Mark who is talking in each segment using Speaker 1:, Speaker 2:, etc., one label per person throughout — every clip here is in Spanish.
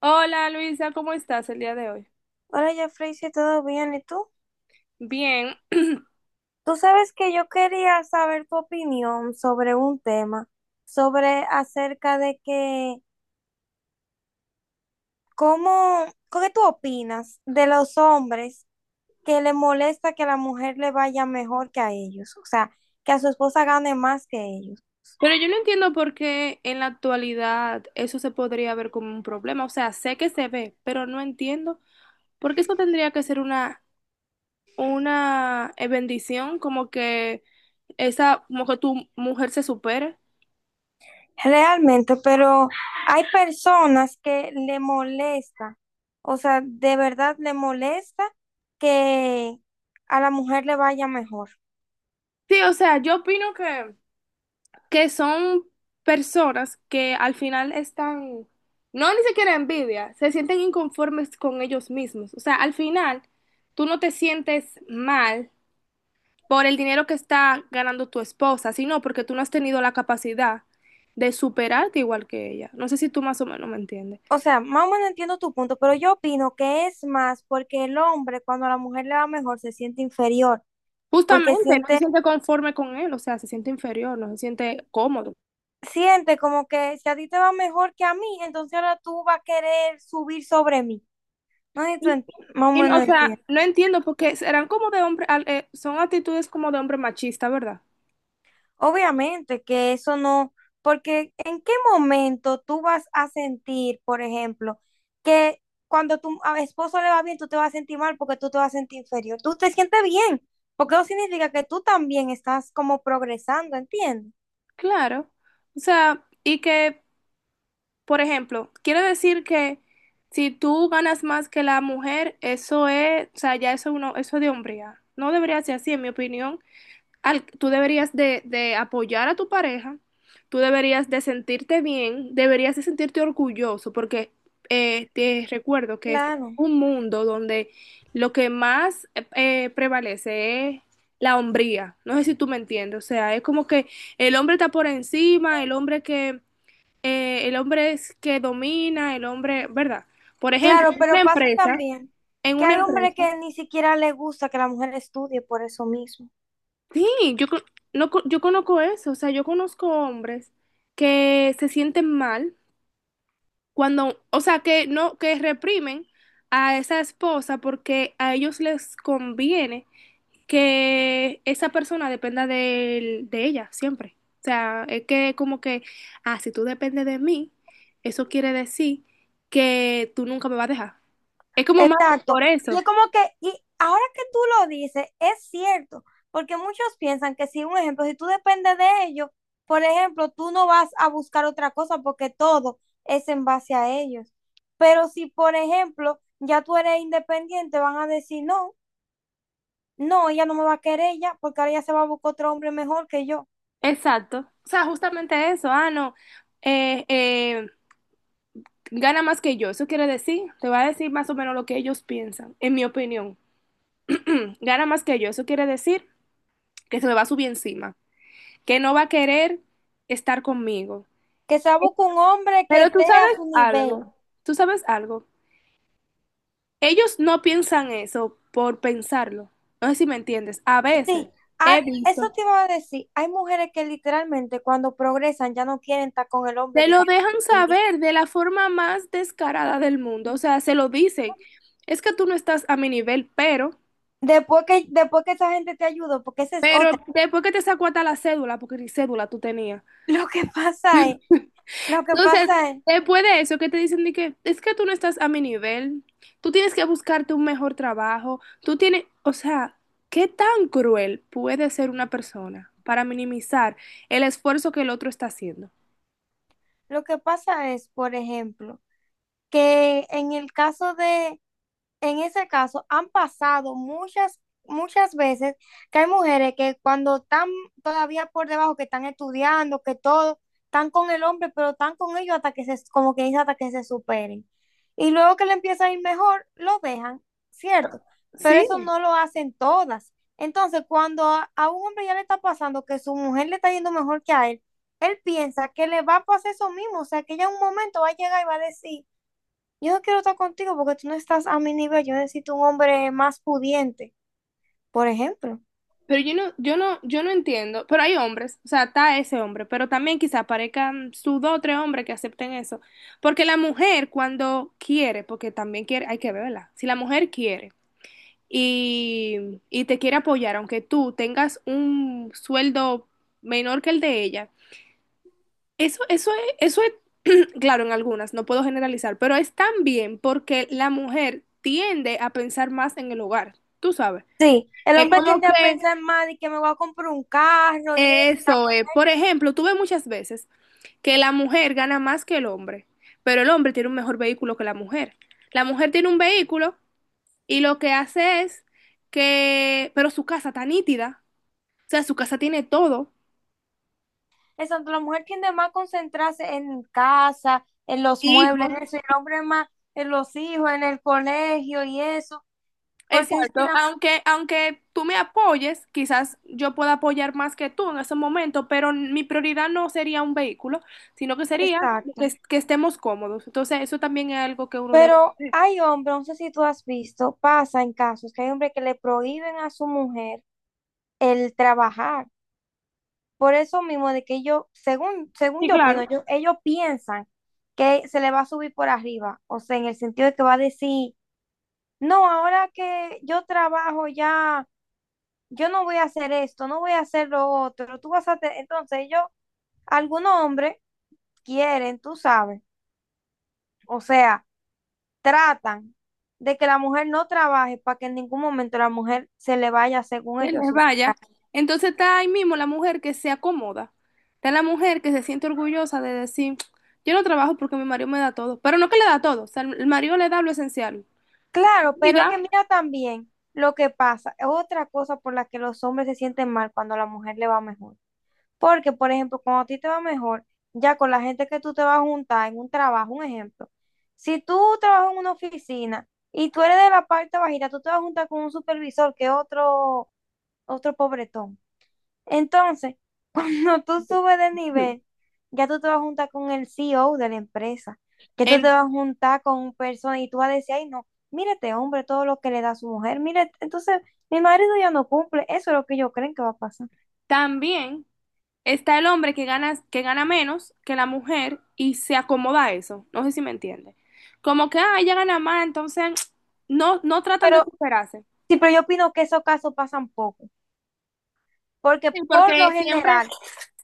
Speaker 1: Hola Luisa, ¿cómo estás el día de hoy?
Speaker 2: Hola, Jeffrey, si todo bien, ¿y tú?
Speaker 1: Bien.
Speaker 2: Tú sabes que yo quería saber tu opinión sobre un tema, sobre acerca de que, ¿cómo, ¿qué tú opinas de los hombres que le molesta que a la mujer le vaya mejor que a ellos? O sea, que a su esposa gane más que ellos.
Speaker 1: Pero yo no entiendo por qué en la actualidad eso se podría ver como un problema. O sea, sé que se ve, pero no entiendo por qué eso tendría que ser una bendición, como que como que tu mujer se supere.
Speaker 2: Realmente, pero hay personas que le molesta, o sea, de verdad le molesta que a la mujer le vaya mejor.
Speaker 1: Sí, o sea, yo opino que son personas que al final están, no ni siquiera envidia, se sienten inconformes con ellos mismos. O sea, al final tú no te sientes mal por el dinero que está ganando tu esposa, sino porque tú no has tenido la capacidad de superarte igual que ella. No sé si tú más o menos me entiendes.
Speaker 2: O sea, más o menos entiendo tu punto, pero yo opino que es más porque el hombre, cuando a la mujer le va mejor, se siente inferior, porque
Speaker 1: Justamente, no se siente conforme con él, o sea, se siente inferior, no se siente cómodo.
Speaker 2: siente como que si a ti te va mejor que a mí, entonces ahora tú vas a querer subir sobre mí. No sé si tú
Speaker 1: Y,
Speaker 2: ent- Más o
Speaker 1: y, o
Speaker 2: menos
Speaker 1: sea,
Speaker 2: entiendes.
Speaker 1: no entiendo porque serán como de hombre, son actitudes como de hombre machista, ¿verdad?
Speaker 2: Obviamente que eso no, porque ¿en qué momento tú vas a sentir, por ejemplo, que cuando tu esposo le va bien, tú te vas a sentir mal porque tú te vas a sentir inferior? Tú te sientes bien, porque eso significa que tú también estás como progresando, ¿entiendes?
Speaker 1: Claro. O sea, y que, por ejemplo, quiere decir que si tú ganas más que la mujer, eso es, o sea, ya eso uno, eso es de hombría. No debería ser así, en mi opinión tú deberías de apoyar a tu pareja, tú deberías de sentirte bien, deberías de sentirte orgulloso, porque te recuerdo que es
Speaker 2: Claro.
Speaker 1: un mundo donde lo que más prevalece es la hombría. No sé si tú me entiendes, o sea, es como que el hombre está por encima, el hombre es que domina, el hombre, ¿verdad? Por ejemplo,
Speaker 2: Claro,
Speaker 1: en una
Speaker 2: pero pasa
Speaker 1: empresa,
Speaker 2: también
Speaker 1: en
Speaker 2: que
Speaker 1: una
Speaker 2: hay hombres
Speaker 1: empresa.
Speaker 2: que ni siquiera les gusta que la mujer estudie por eso mismo.
Speaker 1: Sí, yo, co- no, co- yo conozco eso, o sea, yo conozco hombres que se sienten mal cuando, o sea, que no, que reprimen a esa esposa porque a ellos les conviene que esa persona dependa de ella siempre. O sea, es que como que, si tú dependes de mí, eso quiere decir que tú nunca me vas a dejar. Es como más
Speaker 2: Exacto.
Speaker 1: por
Speaker 2: Y
Speaker 1: eso.
Speaker 2: es como que, y ahora que tú lo dices, es cierto, porque muchos piensan que si un ejemplo, si tú dependes de ellos, por ejemplo, tú no vas a buscar otra cosa porque todo es en base a ellos. Pero si, por ejemplo, ya tú eres independiente, van a decir, no, no, ella no me va a querer ya, porque ahora ella se va a buscar otro hombre mejor que yo.
Speaker 1: Exacto. O sea, justamente eso, no. eh, eh, Gana más que yo. Eso quiere decir, te va a decir más o menos lo que ellos piensan, en mi opinión. Gana más que yo. Eso quiere decir que se me va a subir encima, que no va a querer estar conmigo.
Speaker 2: Que se busque un hombre que
Speaker 1: Pero tú
Speaker 2: esté a
Speaker 1: sabes
Speaker 2: su
Speaker 1: algo,
Speaker 2: nivel.
Speaker 1: tú sabes algo. Ellos no piensan eso por pensarlo. No sé si me entiendes. A veces
Speaker 2: Sí, ah,
Speaker 1: he
Speaker 2: eso
Speaker 1: visto,
Speaker 2: te iba a decir. Hay mujeres que literalmente cuando progresan ya no quieren estar con el hombre
Speaker 1: se
Speaker 2: que
Speaker 1: lo
Speaker 2: está.
Speaker 1: dejan saber de la forma más descarada del mundo. O sea, se lo dicen. Es que tú no estás a mi nivel, pero,
Speaker 2: Después que esa gente te ayuda, porque esa es
Speaker 1: pero
Speaker 2: otra.
Speaker 1: después que te sacó hasta la cédula, porque ni cédula tú tenías.
Speaker 2: Lo que pasa es, lo que
Speaker 1: No, o sea,
Speaker 2: pasa es,
Speaker 1: después de eso que te dicen de que es que tú no estás a mi nivel, tú tienes que buscarte un mejor trabajo, tú tienes, o sea, ¿qué tan cruel puede ser una persona para minimizar el esfuerzo que el otro está haciendo?
Speaker 2: lo que pasa es, por ejemplo, que en ese caso han pasado muchas veces que hay mujeres que cuando están todavía por debajo, que están estudiando, que todo, están con el hombre, pero están con ellos hasta que se, como que dice, hasta que se superen. Y luego que le empieza a ir mejor, lo dejan, ¿cierto? Pero
Speaker 1: Sí,
Speaker 2: eso no lo hacen todas. Entonces, cuando a un hombre ya le está pasando que su mujer le está yendo mejor que a él, él piensa que le va a pasar eso mismo, o sea, que ella en un momento va a llegar y va a decir, yo no quiero estar contigo porque tú no estás a mi nivel. Yo necesito un hombre más pudiente, por ejemplo.
Speaker 1: pero yo no entiendo, pero hay hombres, o sea, está ese hombre, pero también quizá aparezcan sus dos o tres hombres que acepten eso, porque la mujer cuando quiere, porque también quiere, hay que verla, si la mujer quiere, y te quiere apoyar, aunque tú tengas un sueldo menor que el de ella, eso, eso es, eso es, claro, en algunas, no puedo generalizar, pero es también porque la mujer tiende a pensar más en el hogar, tú sabes.
Speaker 2: Sí, el
Speaker 1: Es
Speaker 2: hombre
Speaker 1: como
Speaker 2: tiende a
Speaker 1: que
Speaker 2: pensar más de que me voy a comprar un carro y eso, y tal.
Speaker 1: eso es, por ejemplo, tú ves muchas veces que la mujer gana más que el hombre, pero el hombre tiene un mejor vehículo que la mujer. La mujer tiene un vehículo y lo que hace es que, pero su casa está nítida, o sea, su casa tiene todo,
Speaker 2: Eso, la mujer tiende más a concentrarse en casa, en los muebles,
Speaker 1: hijos,
Speaker 2: en eso, y el hombre más en los hijos, en el colegio y eso. Porque es que-
Speaker 1: exacto. Aunque tú me apoyes, quizás yo pueda apoyar más que tú en ese momento, pero mi prioridad no sería un vehículo, sino que sería como que,
Speaker 2: exacto.
Speaker 1: que estemos cómodos. Entonces, eso también es algo que uno debe
Speaker 2: Pero
Speaker 1: hacer.
Speaker 2: hay hombres, no sé si tú has visto, pasa en casos que hay hombres que le prohíben a su mujer el trabajar. Por eso mismo de que ellos, según
Speaker 1: Sí,
Speaker 2: yo
Speaker 1: claro,
Speaker 2: opino, ellos piensan que se le va a subir por arriba. O sea, en el sentido de que va a decir, no, ahora que yo trabajo ya, yo no voy a hacer esto, no voy a hacer lo otro. Tú vas a... te-". Entonces ellos, algunos hombres quieren, tú sabes. O sea, tratan de que la mujer no trabaje para que en ningún momento la mujer se le vaya, según
Speaker 1: se
Speaker 2: ellos.
Speaker 1: les
Speaker 2: Su-
Speaker 1: vaya. Entonces está ahí mismo la mujer que se acomoda. Está la mujer que se siente orgullosa de decir, yo no trabajo porque mi marido me da todo. Pero no que le da todo, o sea, el marido le da lo esencial.
Speaker 2: Claro,
Speaker 1: y
Speaker 2: pero que
Speaker 1: da
Speaker 2: mira también lo que pasa. Es otra cosa por la que los hombres se sienten mal cuando a la mujer le va mejor. Porque, por ejemplo, cuando a ti te va mejor, ya con la gente que tú te vas a juntar en un trabajo, un ejemplo, si tú trabajas en una oficina y tú eres de la parte bajita, tú te vas a juntar con un supervisor que es otro, otro pobretón. Entonces, cuando tú subes de nivel, ya tú te vas a juntar con el CEO de la empresa, que tú te
Speaker 1: En-
Speaker 2: vas a juntar con un persona y tú vas a decir, ay, no, mírate, hombre, todo lo que le da a su mujer, mírate. Entonces, mi marido ya no cumple, eso es lo que ellos creen que va a pasar.
Speaker 1: también está el hombre que gana menos que la mujer y se acomoda a eso. No sé si me entiende. Como que, ah, ella gana más, entonces no, no tratan de
Speaker 2: Pero
Speaker 1: superarse.
Speaker 2: sí, pero yo opino que esos casos pasan poco, porque
Speaker 1: Sí,
Speaker 2: por lo
Speaker 1: porque siempre,
Speaker 2: general,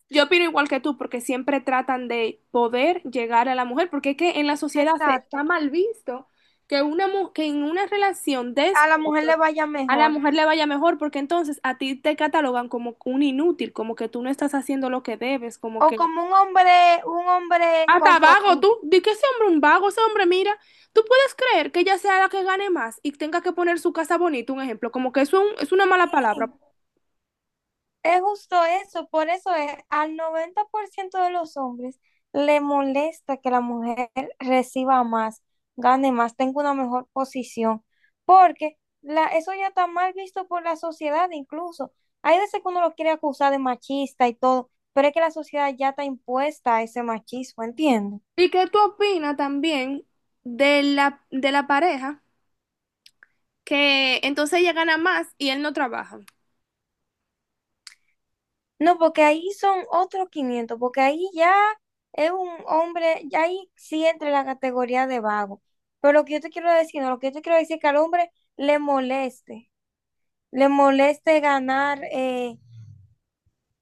Speaker 1: yo opino igual que tú, porque siempre tratan de poder llegar a la mujer, porque es que en la sociedad se está
Speaker 2: exacto,
Speaker 1: mal visto que, que en una relación de
Speaker 2: a la mujer le
Speaker 1: esposos
Speaker 2: vaya
Speaker 1: a la
Speaker 2: mejor.
Speaker 1: mujer le vaya mejor, porque entonces a ti te catalogan como un inútil, como que tú no estás haciendo lo que debes, como
Speaker 2: O
Speaker 1: que
Speaker 2: como un hombre
Speaker 1: hasta vago,
Speaker 2: conformista.
Speaker 1: tú. Di que ese hombre un vago, ese hombre, mira, tú puedes creer que ella sea la que gane más y tenga que poner su casa bonita, un ejemplo, como que eso es es una mala palabra.
Speaker 2: Es justo eso, por eso es, al 90% de los hombres le molesta que la mujer reciba más, gane más, tenga una mejor posición, porque la, eso ya está mal visto por la sociedad incluso. Hay veces que uno lo quiere acusar de machista y todo, pero es que la sociedad ya está impuesta a ese machismo, ¿entiendes?
Speaker 1: ¿Y qué tú opinas también de la pareja que entonces ella gana más y él no trabaja?
Speaker 2: No, porque ahí son otros 500 porque ahí ya es un hombre, ya ahí sí entra en la categoría de vago. Pero lo que yo te quiero decir, no, lo que yo te quiero decir es que al hombre le moleste ganar,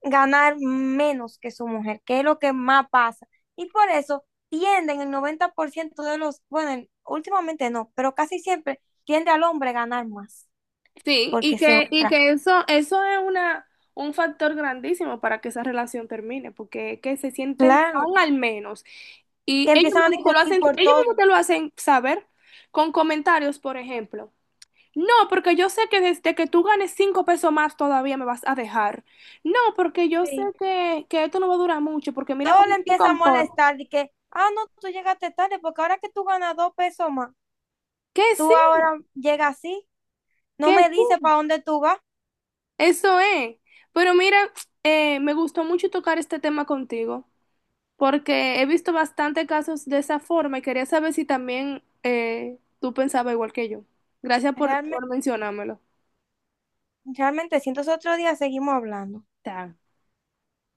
Speaker 2: ganar menos que su mujer, que es lo que más pasa. Y por eso tienden el 90% de los, bueno, últimamente no, pero casi siempre tiende al hombre a ganar más,
Speaker 1: Sí,
Speaker 2: porque se
Speaker 1: y
Speaker 2: otra.
Speaker 1: que eso es una, un factor grandísimo para que esa relación termine, porque es que se sienten
Speaker 2: Claro,
Speaker 1: tan al menos. Y
Speaker 2: que
Speaker 1: ellos
Speaker 2: empiezan a
Speaker 1: mismos te lo
Speaker 2: discutir
Speaker 1: hacen, ellos
Speaker 2: por
Speaker 1: mismos
Speaker 2: todo.
Speaker 1: te lo hacen saber con comentarios, por ejemplo. No, porque yo sé que desde que tú ganes 5 pesos más todavía me vas a dejar. No, porque yo sé
Speaker 2: Sí.
Speaker 1: que esto no va a durar mucho, porque mira
Speaker 2: Todo
Speaker 1: cómo
Speaker 2: le
Speaker 1: se
Speaker 2: empieza a
Speaker 1: comporta.
Speaker 2: molestar de que, ah, no, tú llegaste tarde porque ahora que tú ganas 2 pesos más,
Speaker 1: Que sí,
Speaker 2: tú ahora llegas así, no
Speaker 1: que
Speaker 2: me dices
Speaker 1: sí.
Speaker 2: para dónde tú vas.
Speaker 1: Eso es. Pero mira, me gustó mucho tocar este tema contigo, porque he visto bastante casos de esa forma y quería saber si también tú pensabas igual que yo. Gracias por,
Speaker 2: Realmente,
Speaker 1: por mencionármelo.
Speaker 2: realmente, si entonces otro día seguimos hablando.
Speaker 1: Está